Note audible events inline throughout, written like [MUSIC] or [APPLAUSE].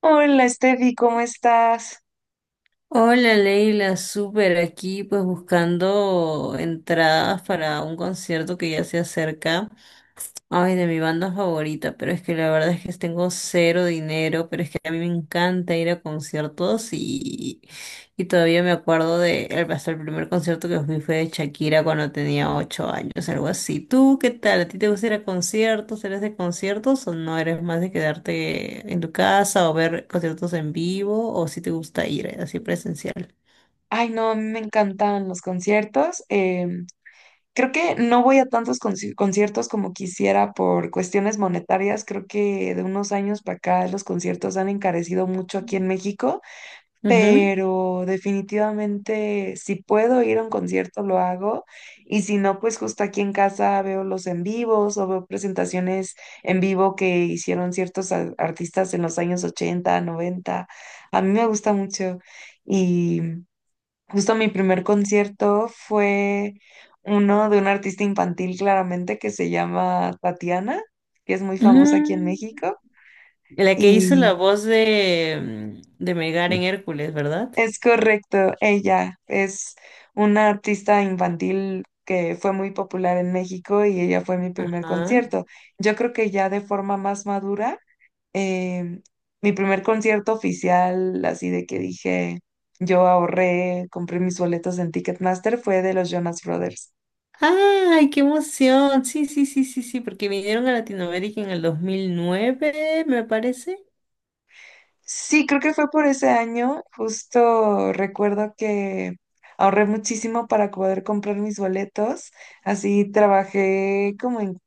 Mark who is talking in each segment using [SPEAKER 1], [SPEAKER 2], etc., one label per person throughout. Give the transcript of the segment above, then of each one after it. [SPEAKER 1] Hola, Steffi, ¿cómo estás?
[SPEAKER 2] Hola Leila, súper aquí pues buscando entradas para un concierto que ya se acerca. Ay, de mi banda favorita, pero es que la verdad es que tengo cero dinero, pero es que a mí me encanta ir a conciertos y todavía me acuerdo hasta el primer concierto que fui fue de Shakira cuando tenía 8 años, algo así. ¿Tú qué tal? ¿A ti te gusta ir a conciertos? ¿Eres de conciertos o no eres más de quedarte en tu casa o ver conciertos en vivo o si te gusta ir así presencial?
[SPEAKER 1] Ay, no, a mí me encantan los conciertos. Creo que no voy a tantos conciertos como quisiera por cuestiones monetarias. Creo que de unos años para acá los conciertos han encarecido mucho aquí en México,
[SPEAKER 2] Ujú.
[SPEAKER 1] pero definitivamente si puedo ir a un concierto lo hago, y si no, pues justo aquí en casa veo los en vivos o veo presentaciones en vivo que hicieron ciertos artistas en los años 80 90. A mí me gusta mucho. Y justo mi primer concierto fue uno de un artista infantil, claramente, que se llama Tatiana, que es muy famosa aquí en
[SPEAKER 2] Mm,
[SPEAKER 1] México.
[SPEAKER 2] La que hizo la
[SPEAKER 1] Y...
[SPEAKER 2] voz de Megar en Hércules, ¿verdad?
[SPEAKER 1] es correcto, ella es una artista infantil que fue muy popular en México y ella fue mi primer
[SPEAKER 2] Ajá.
[SPEAKER 1] concierto. Yo creo que ya de forma más madura, eh, mi primer concierto oficial, así de que dije, yo ahorré, compré mis boletos en Ticketmaster, fue de los Jonas Brothers.
[SPEAKER 2] ¡Ay, qué emoción! Sí, sí, sí, sí, sí, porque vinieron a Latinoamérica en el 2009, me parece.
[SPEAKER 1] Sí, creo que fue por ese año. Justo recuerdo que ahorré muchísimo para poder comprar mis boletos. Así trabajé como en,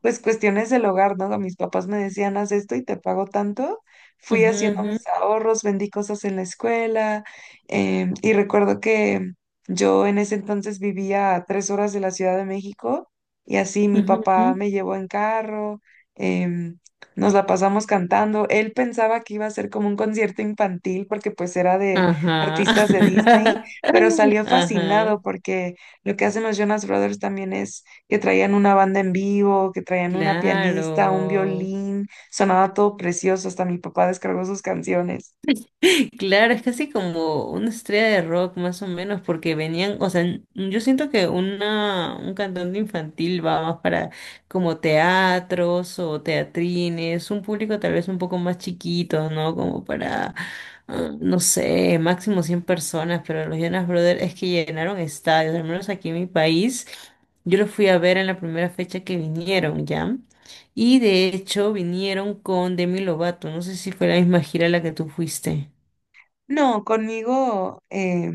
[SPEAKER 1] pues, cuestiones del hogar, ¿no? Mis papás me decían, haz esto y te pago tanto. Fui
[SPEAKER 2] Ujú,
[SPEAKER 1] haciendo
[SPEAKER 2] ujú,
[SPEAKER 1] mis ahorros, vendí cosas en la escuela, y recuerdo que yo en ese entonces vivía a 3 horas de la Ciudad de México, y así mi
[SPEAKER 2] ujú,
[SPEAKER 1] papá
[SPEAKER 2] ujú.
[SPEAKER 1] me llevó en carro. em, Nos la pasamos cantando. Él pensaba que iba a ser como un concierto infantil, porque pues era de
[SPEAKER 2] Ajá.
[SPEAKER 1] artistas de Disney,
[SPEAKER 2] [LAUGHS]
[SPEAKER 1] pero salió fascinado,
[SPEAKER 2] Ajá.
[SPEAKER 1] porque lo que hacen los Jonas Brothers también es que traían una banda en vivo, que traían una pianista, un
[SPEAKER 2] Claro.
[SPEAKER 1] violín, sonaba todo precioso, hasta mi papá descargó sus canciones.
[SPEAKER 2] [LAUGHS] Claro, es casi como una estrella de rock más o menos, porque venían, o sea, yo siento que un cantante infantil va más para como teatros o teatrines, un público tal vez un poco más chiquito, ¿no? Como para, no sé, máximo 100 personas, pero los Jonas Brothers es que llenaron estadios, al menos aquí en mi país, yo los fui a ver en la primera fecha que vinieron, ¿ya? Y de hecho vinieron con Demi Lovato. No sé si fue la misma gira a la que tú fuiste.
[SPEAKER 1] No, conmigo,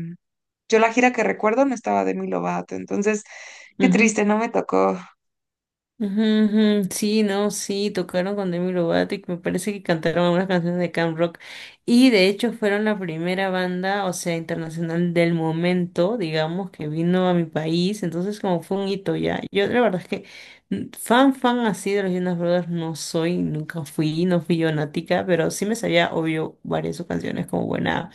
[SPEAKER 1] yo la gira que recuerdo no estaba de Demi Lovato, entonces qué
[SPEAKER 2] Ujú,
[SPEAKER 1] triste, no me tocó.
[SPEAKER 2] ujú, ujú. Sí, no, sí, tocaron con Demi Lovato y me parece que cantaron algunas canciones de Camp Rock. Y de hecho fueron la primera banda, o sea, internacional del momento, digamos, que vino a mi país. Entonces como fue un hito ya. Yo la verdad es que fan, fan así de los Jonas Brothers no soy, nunca fui, no fui yo nática, pero sí me sabía, obvio, varias de sus canciones como buena.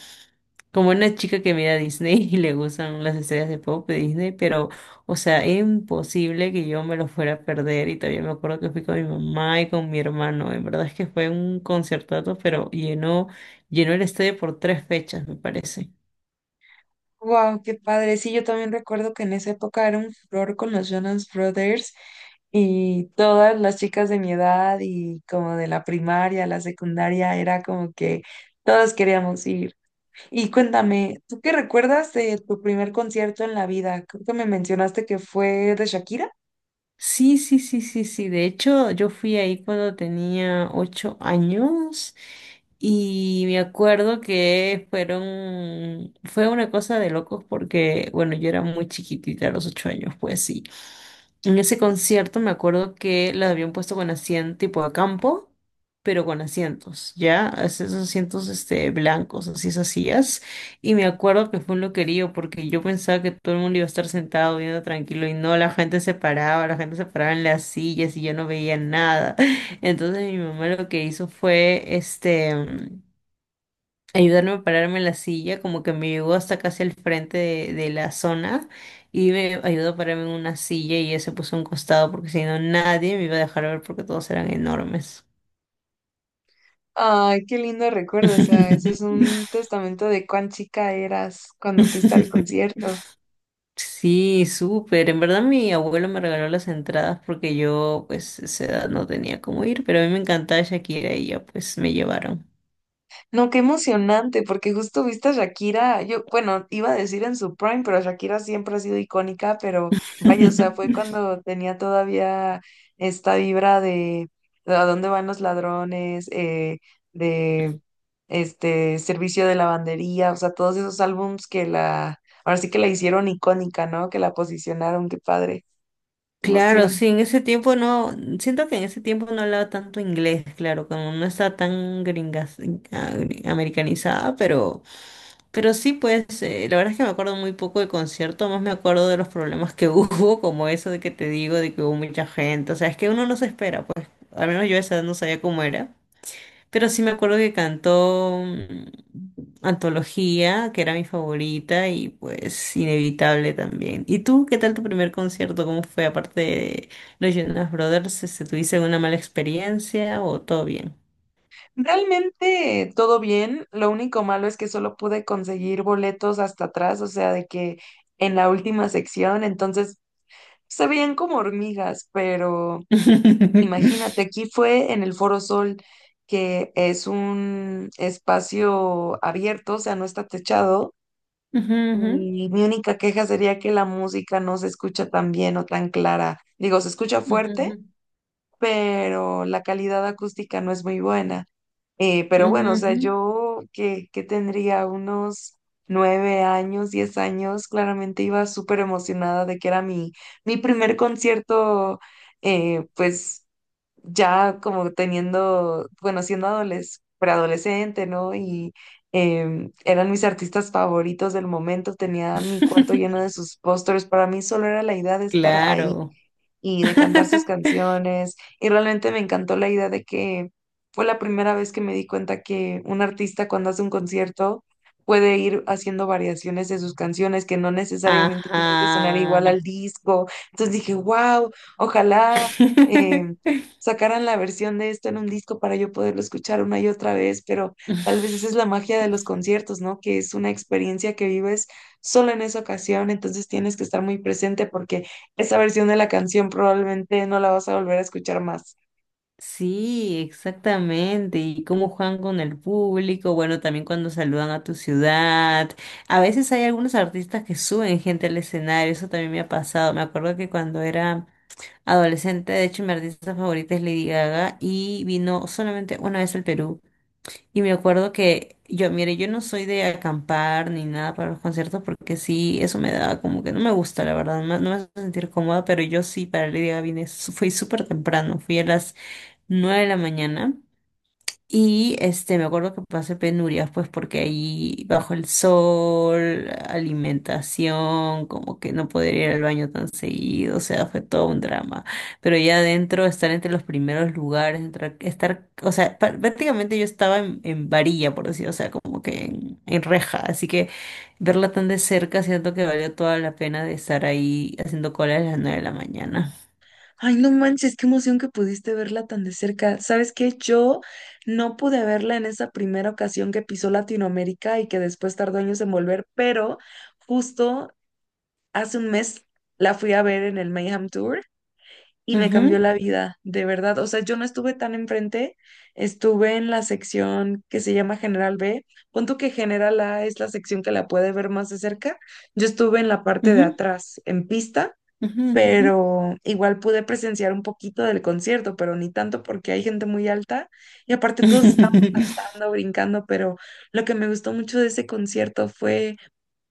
[SPEAKER 2] Como una chica que mira Disney [LAUGHS] y le gustan las estrellas de pop de Disney, pero, o sea, es imposible que yo me lo fuera a perder. Y todavía me acuerdo que fui con mi mamá y con mi hermano. En verdad es que fue un concertazo, pero llenó el estadio por tres fechas, me parece.
[SPEAKER 1] Wow, qué padre. Sí, yo también recuerdo que en esa época era un flor con los Jonas Brothers, y todas las chicas de mi edad y como de la primaria, la secundaria, era como que todos queríamos ir. Y cuéntame, ¿tú qué recuerdas de tu primer concierto en la vida? Creo que me mencionaste que fue de Shakira.
[SPEAKER 2] Sí, sí, sí, sí, sí. De hecho, yo fui ahí cuando tenía 8 años y me acuerdo que fueron, fue una cosa de locos porque, bueno, yo era muy chiquitita a los 8 años, pues sí. En ese concierto me acuerdo que la habían puesto con asiento tipo a campo, pero con asientos, ¿ya? Esos asientos blancos, así esas sillas. Y me acuerdo que fue un loquerío porque yo pensaba que todo el mundo iba a estar sentado viendo tranquilo y no, la gente se paraba, la gente se paraba en las sillas y yo no veía nada. [LAUGHS] Entonces mi mamá lo que hizo fue ayudarme a pararme en la silla, como que me llegó hasta casi al frente de la zona y me ayudó a pararme en una silla y ella se puso a un costado porque si no nadie me iba a dejar ver porque todos eran enormes.
[SPEAKER 1] Ay, qué lindo recuerdo. O sea, eso es un
[SPEAKER 2] [LAUGHS]
[SPEAKER 1] testamento de cuán chica eras cuando fuiste al concierto.
[SPEAKER 2] Sí, súper. En verdad mi abuelo me regaló las entradas porque yo pues a esa edad no tenía cómo ir, pero a mí me encantaba Shakira y ya pues me llevaron.
[SPEAKER 1] No, qué emocionante, porque justo viste a Shakira. Yo, bueno, iba a decir en su prime, pero Shakira siempre ha sido icónica, pero vaya, o sea, fue
[SPEAKER 2] [LAUGHS]
[SPEAKER 1] cuando tenía todavía esta vibra de a dónde van los ladrones, de este servicio de lavandería, o sea, todos esos álbums que la, ahora sí que la hicieron icónica, ¿no? Que la posicionaron. Qué padre, qué
[SPEAKER 2] Claro,
[SPEAKER 1] emoción.
[SPEAKER 2] sí, en ese tiempo no, siento que en ese tiempo no hablaba tanto inglés, claro, como no estaba tan gringas, americanizada, pero sí, pues, la verdad es que me acuerdo muy poco del concierto, más me acuerdo de los problemas que [LAUGHS] hubo, como eso de que te digo, de que hubo mucha gente, o sea, es que uno no se espera, pues, al menos yo a esa edad no sabía cómo era. Pero sí me acuerdo que cantó Antología, que era mi favorita, y pues Inevitable también. ¿Y tú qué tal tu primer concierto? ¿Cómo fue? Aparte de los Jonas Brothers, este, ¿tuviste una mala experiencia o todo bien?
[SPEAKER 1] Realmente todo bien, lo único malo es que solo pude conseguir boletos hasta atrás, o sea, de que en la última sección, entonces se veían como hormigas, pero imagínate, aquí fue en el Foro Sol, que es un espacio abierto, o sea, no está techado,
[SPEAKER 2] [LAUGHS] Ujú,
[SPEAKER 1] y mi única queja sería que la música no se escucha tan bien o tan clara. Digo, se escucha fuerte,
[SPEAKER 2] ujú,
[SPEAKER 1] pero la calidad acústica no es muy buena.
[SPEAKER 2] ujú,
[SPEAKER 1] Pero bueno, o
[SPEAKER 2] ujú,
[SPEAKER 1] sea,
[SPEAKER 2] ujú.
[SPEAKER 1] yo que tendría unos 9 años, 10 años, claramente iba súper emocionada de que era mi, mi primer concierto. Pues ya como teniendo, bueno, siendo preadolescente, ¿no? Y eran mis artistas favoritos del momento, tenía mi cuarto lleno
[SPEAKER 2] [LAUGHS]
[SPEAKER 1] de sus pósters. Para mí solo era la idea de estar ahí
[SPEAKER 2] Claro.
[SPEAKER 1] y de cantar sus
[SPEAKER 2] [LAUGHS]
[SPEAKER 1] canciones. Y realmente me encantó la idea de que fue la primera vez que me di cuenta que un artista, cuando hace un concierto, puede ir haciendo variaciones de sus canciones que no necesariamente tienen que sonar igual
[SPEAKER 2] Ajá.
[SPEAKER 1] al disco. Entonces dije, wow, ojalá eh,
[SPEAKER 2] [LAUGHS]
[SPEAKER 1] sacaran la versión de esto en un disco para yo poderlo escuchar una y otra vez, pero tal vez esa es la
[SPEAKER 2] [LAUGHS]
[SPEAKER 1] magia de los conciertos, ¿no? Que es una experiencia que vives solo en esa ocasión, entonces tienes que estar muy presente porque esa versión de la canción probablemente no la vas a volver a escuchar más.
[SPEAKER 2] Sí, exactamente. Y cómo juegan con el público, bueno, también cuando saludan a tu ciudad. A veces hay algunos artistas que suben gente al escenario, eso también me ha pasado. Me acuerdo que cuando era adolescente, de hecho, mi artista favorita es Lady Gaga y vino solamente una vez al Perú. Y me acuerdo que yo, mire, yo no soy de acampar ni nada para los conciertos porque sí, eso me da como que no me gusta, la verdad, no me hace sentir cómoda, pero yo sí, para Lady Gaga vine, fui súper temprano, fui a las 9 de la mañana. Y este, me acuerdo que pasé penurias, pues porque ahí bajo el sol, alimentación, como que no poder ir al baño tan seguido, o sea, fue todo un drama. Pero ya adentro, estar entre los primeros lugares, estar, o sea, prácticamente yo estaba en varilla, por decir, o sea, como que en reja. Así que verla tan de cerca, siento que valió toda la pena de estar ahí haciendo cola a las 9 de la mañana.
[SPEAKER 1] Ay, no manches, qué emoción que pudiste verla tan de cerca. ¿Sabes qué? Yo no pude verla en esa primera ocasión que pisó Latinoamérica y que después tardó años en volver, pero justo hace un mes la fui a ver en el Mayhem Tour y me cambió
[SPEAKER 2] Ujú,
[SPEAKER 1] la vida, de verdad. O sea, yo no estuve tan enfrente, estuve en la sección que se llama General B. Punto que General A es la sección que la puede ver más de cerca. Yo estuve en la parte de
[SPEAKER 2] ujú,
[SPEAKER 1] atrás, en pista,
[SPEAKER 2] ujú, ujú.
[SPEAKER 1] pero igual pude presenciar un poquito del concierto, pero ni tanto porque hay gente muy alta y aparte todos estábamos
[SPEAKER 2] [LAUGHS]
[SPEAKER 1] saltando, brincando, pero lo que me gustó mucho de ese concierto fue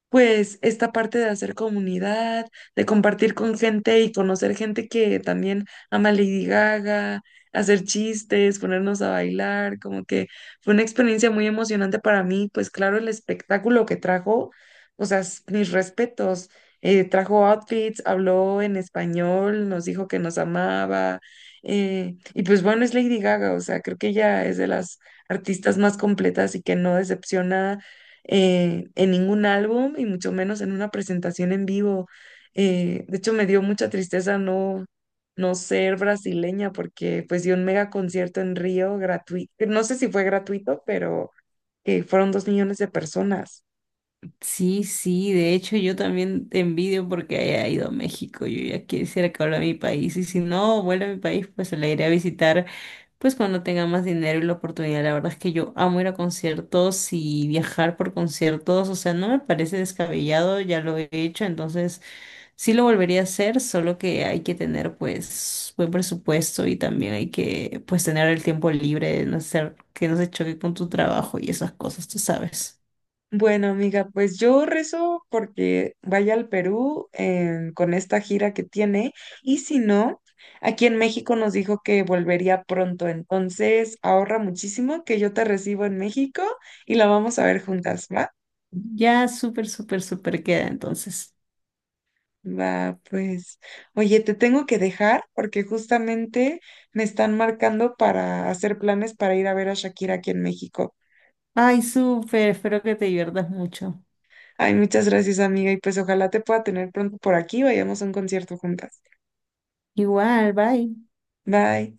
[SPEAKER 1] pues esta parte de hacer comunidad, de compartir con gente y conocer gente que también ama Lady Gaga, hacer chistes, ponernos a bailar, como que fue una experiencia muy emocionante para mí. Pues claro, el espectáculo que trajo, o sea, mis respetos. Trajo outfits, habló en español, nos dijo que nos amaba. Y pues bueno, es Lady Gaga. O sea, creo que ella es de las artistas más completas y que no decepciona en ningún álbum y mucho menos en una presentación en vivo. De hecho, me dio mucha tristeza no ser brasileña, porque pues dio un mega concierto en Río gratuito. No sé si fue gratuito, pero que fueron 2 millones de personas.
[SPEAKER 2] Sí, sí, de hecho yo también te envidio porque haya ido a México, yo ya quisiera que vuelva a mi país y si no vuelve a mi país pues la iré a visitar pues cuando tenga más dinero y la oportunidad, la verdad es que yo amo ir a conciertos y viajar por conciertos, o sea, no me parece descabellado, ya lo he hecho, entonces sí lo volvería a hacer, solo que hay que tener pues buen presupuesto y también hay que pues tener el tiempo libre de no hacer que no se choque con tu trabajo y esas cosas, tú sabes.
[SPEAKER 1] Bueno, amiga, pues yo rezo porque vaya al Perú con esta gira que tiene, y si no, aquí en México nos dijo que volvería pronto, entonces ahorra muchísimo que yo te recibo en México y la vamos a ver juntas, ¿va?
[SPEAKER 2] Ya súper, súper, súper queda entonces.
[SPEAKER 1] Va, pues, oye, te tengo que dejar porque justamente me están marcando para hacer planes para ir a ver a Shakira aquí en México.
[SPEAKER 2] Ay, súper, espero que te diviertas mucho.
[SPEAKER 1] Ay, muchas gracias, amiga, y pues ojalá te pueda tener pronto por aquí, vayamos a un concierto juntas.
[SPEAKER 2] Igual, bye.
[SPEAKER 1] Bye.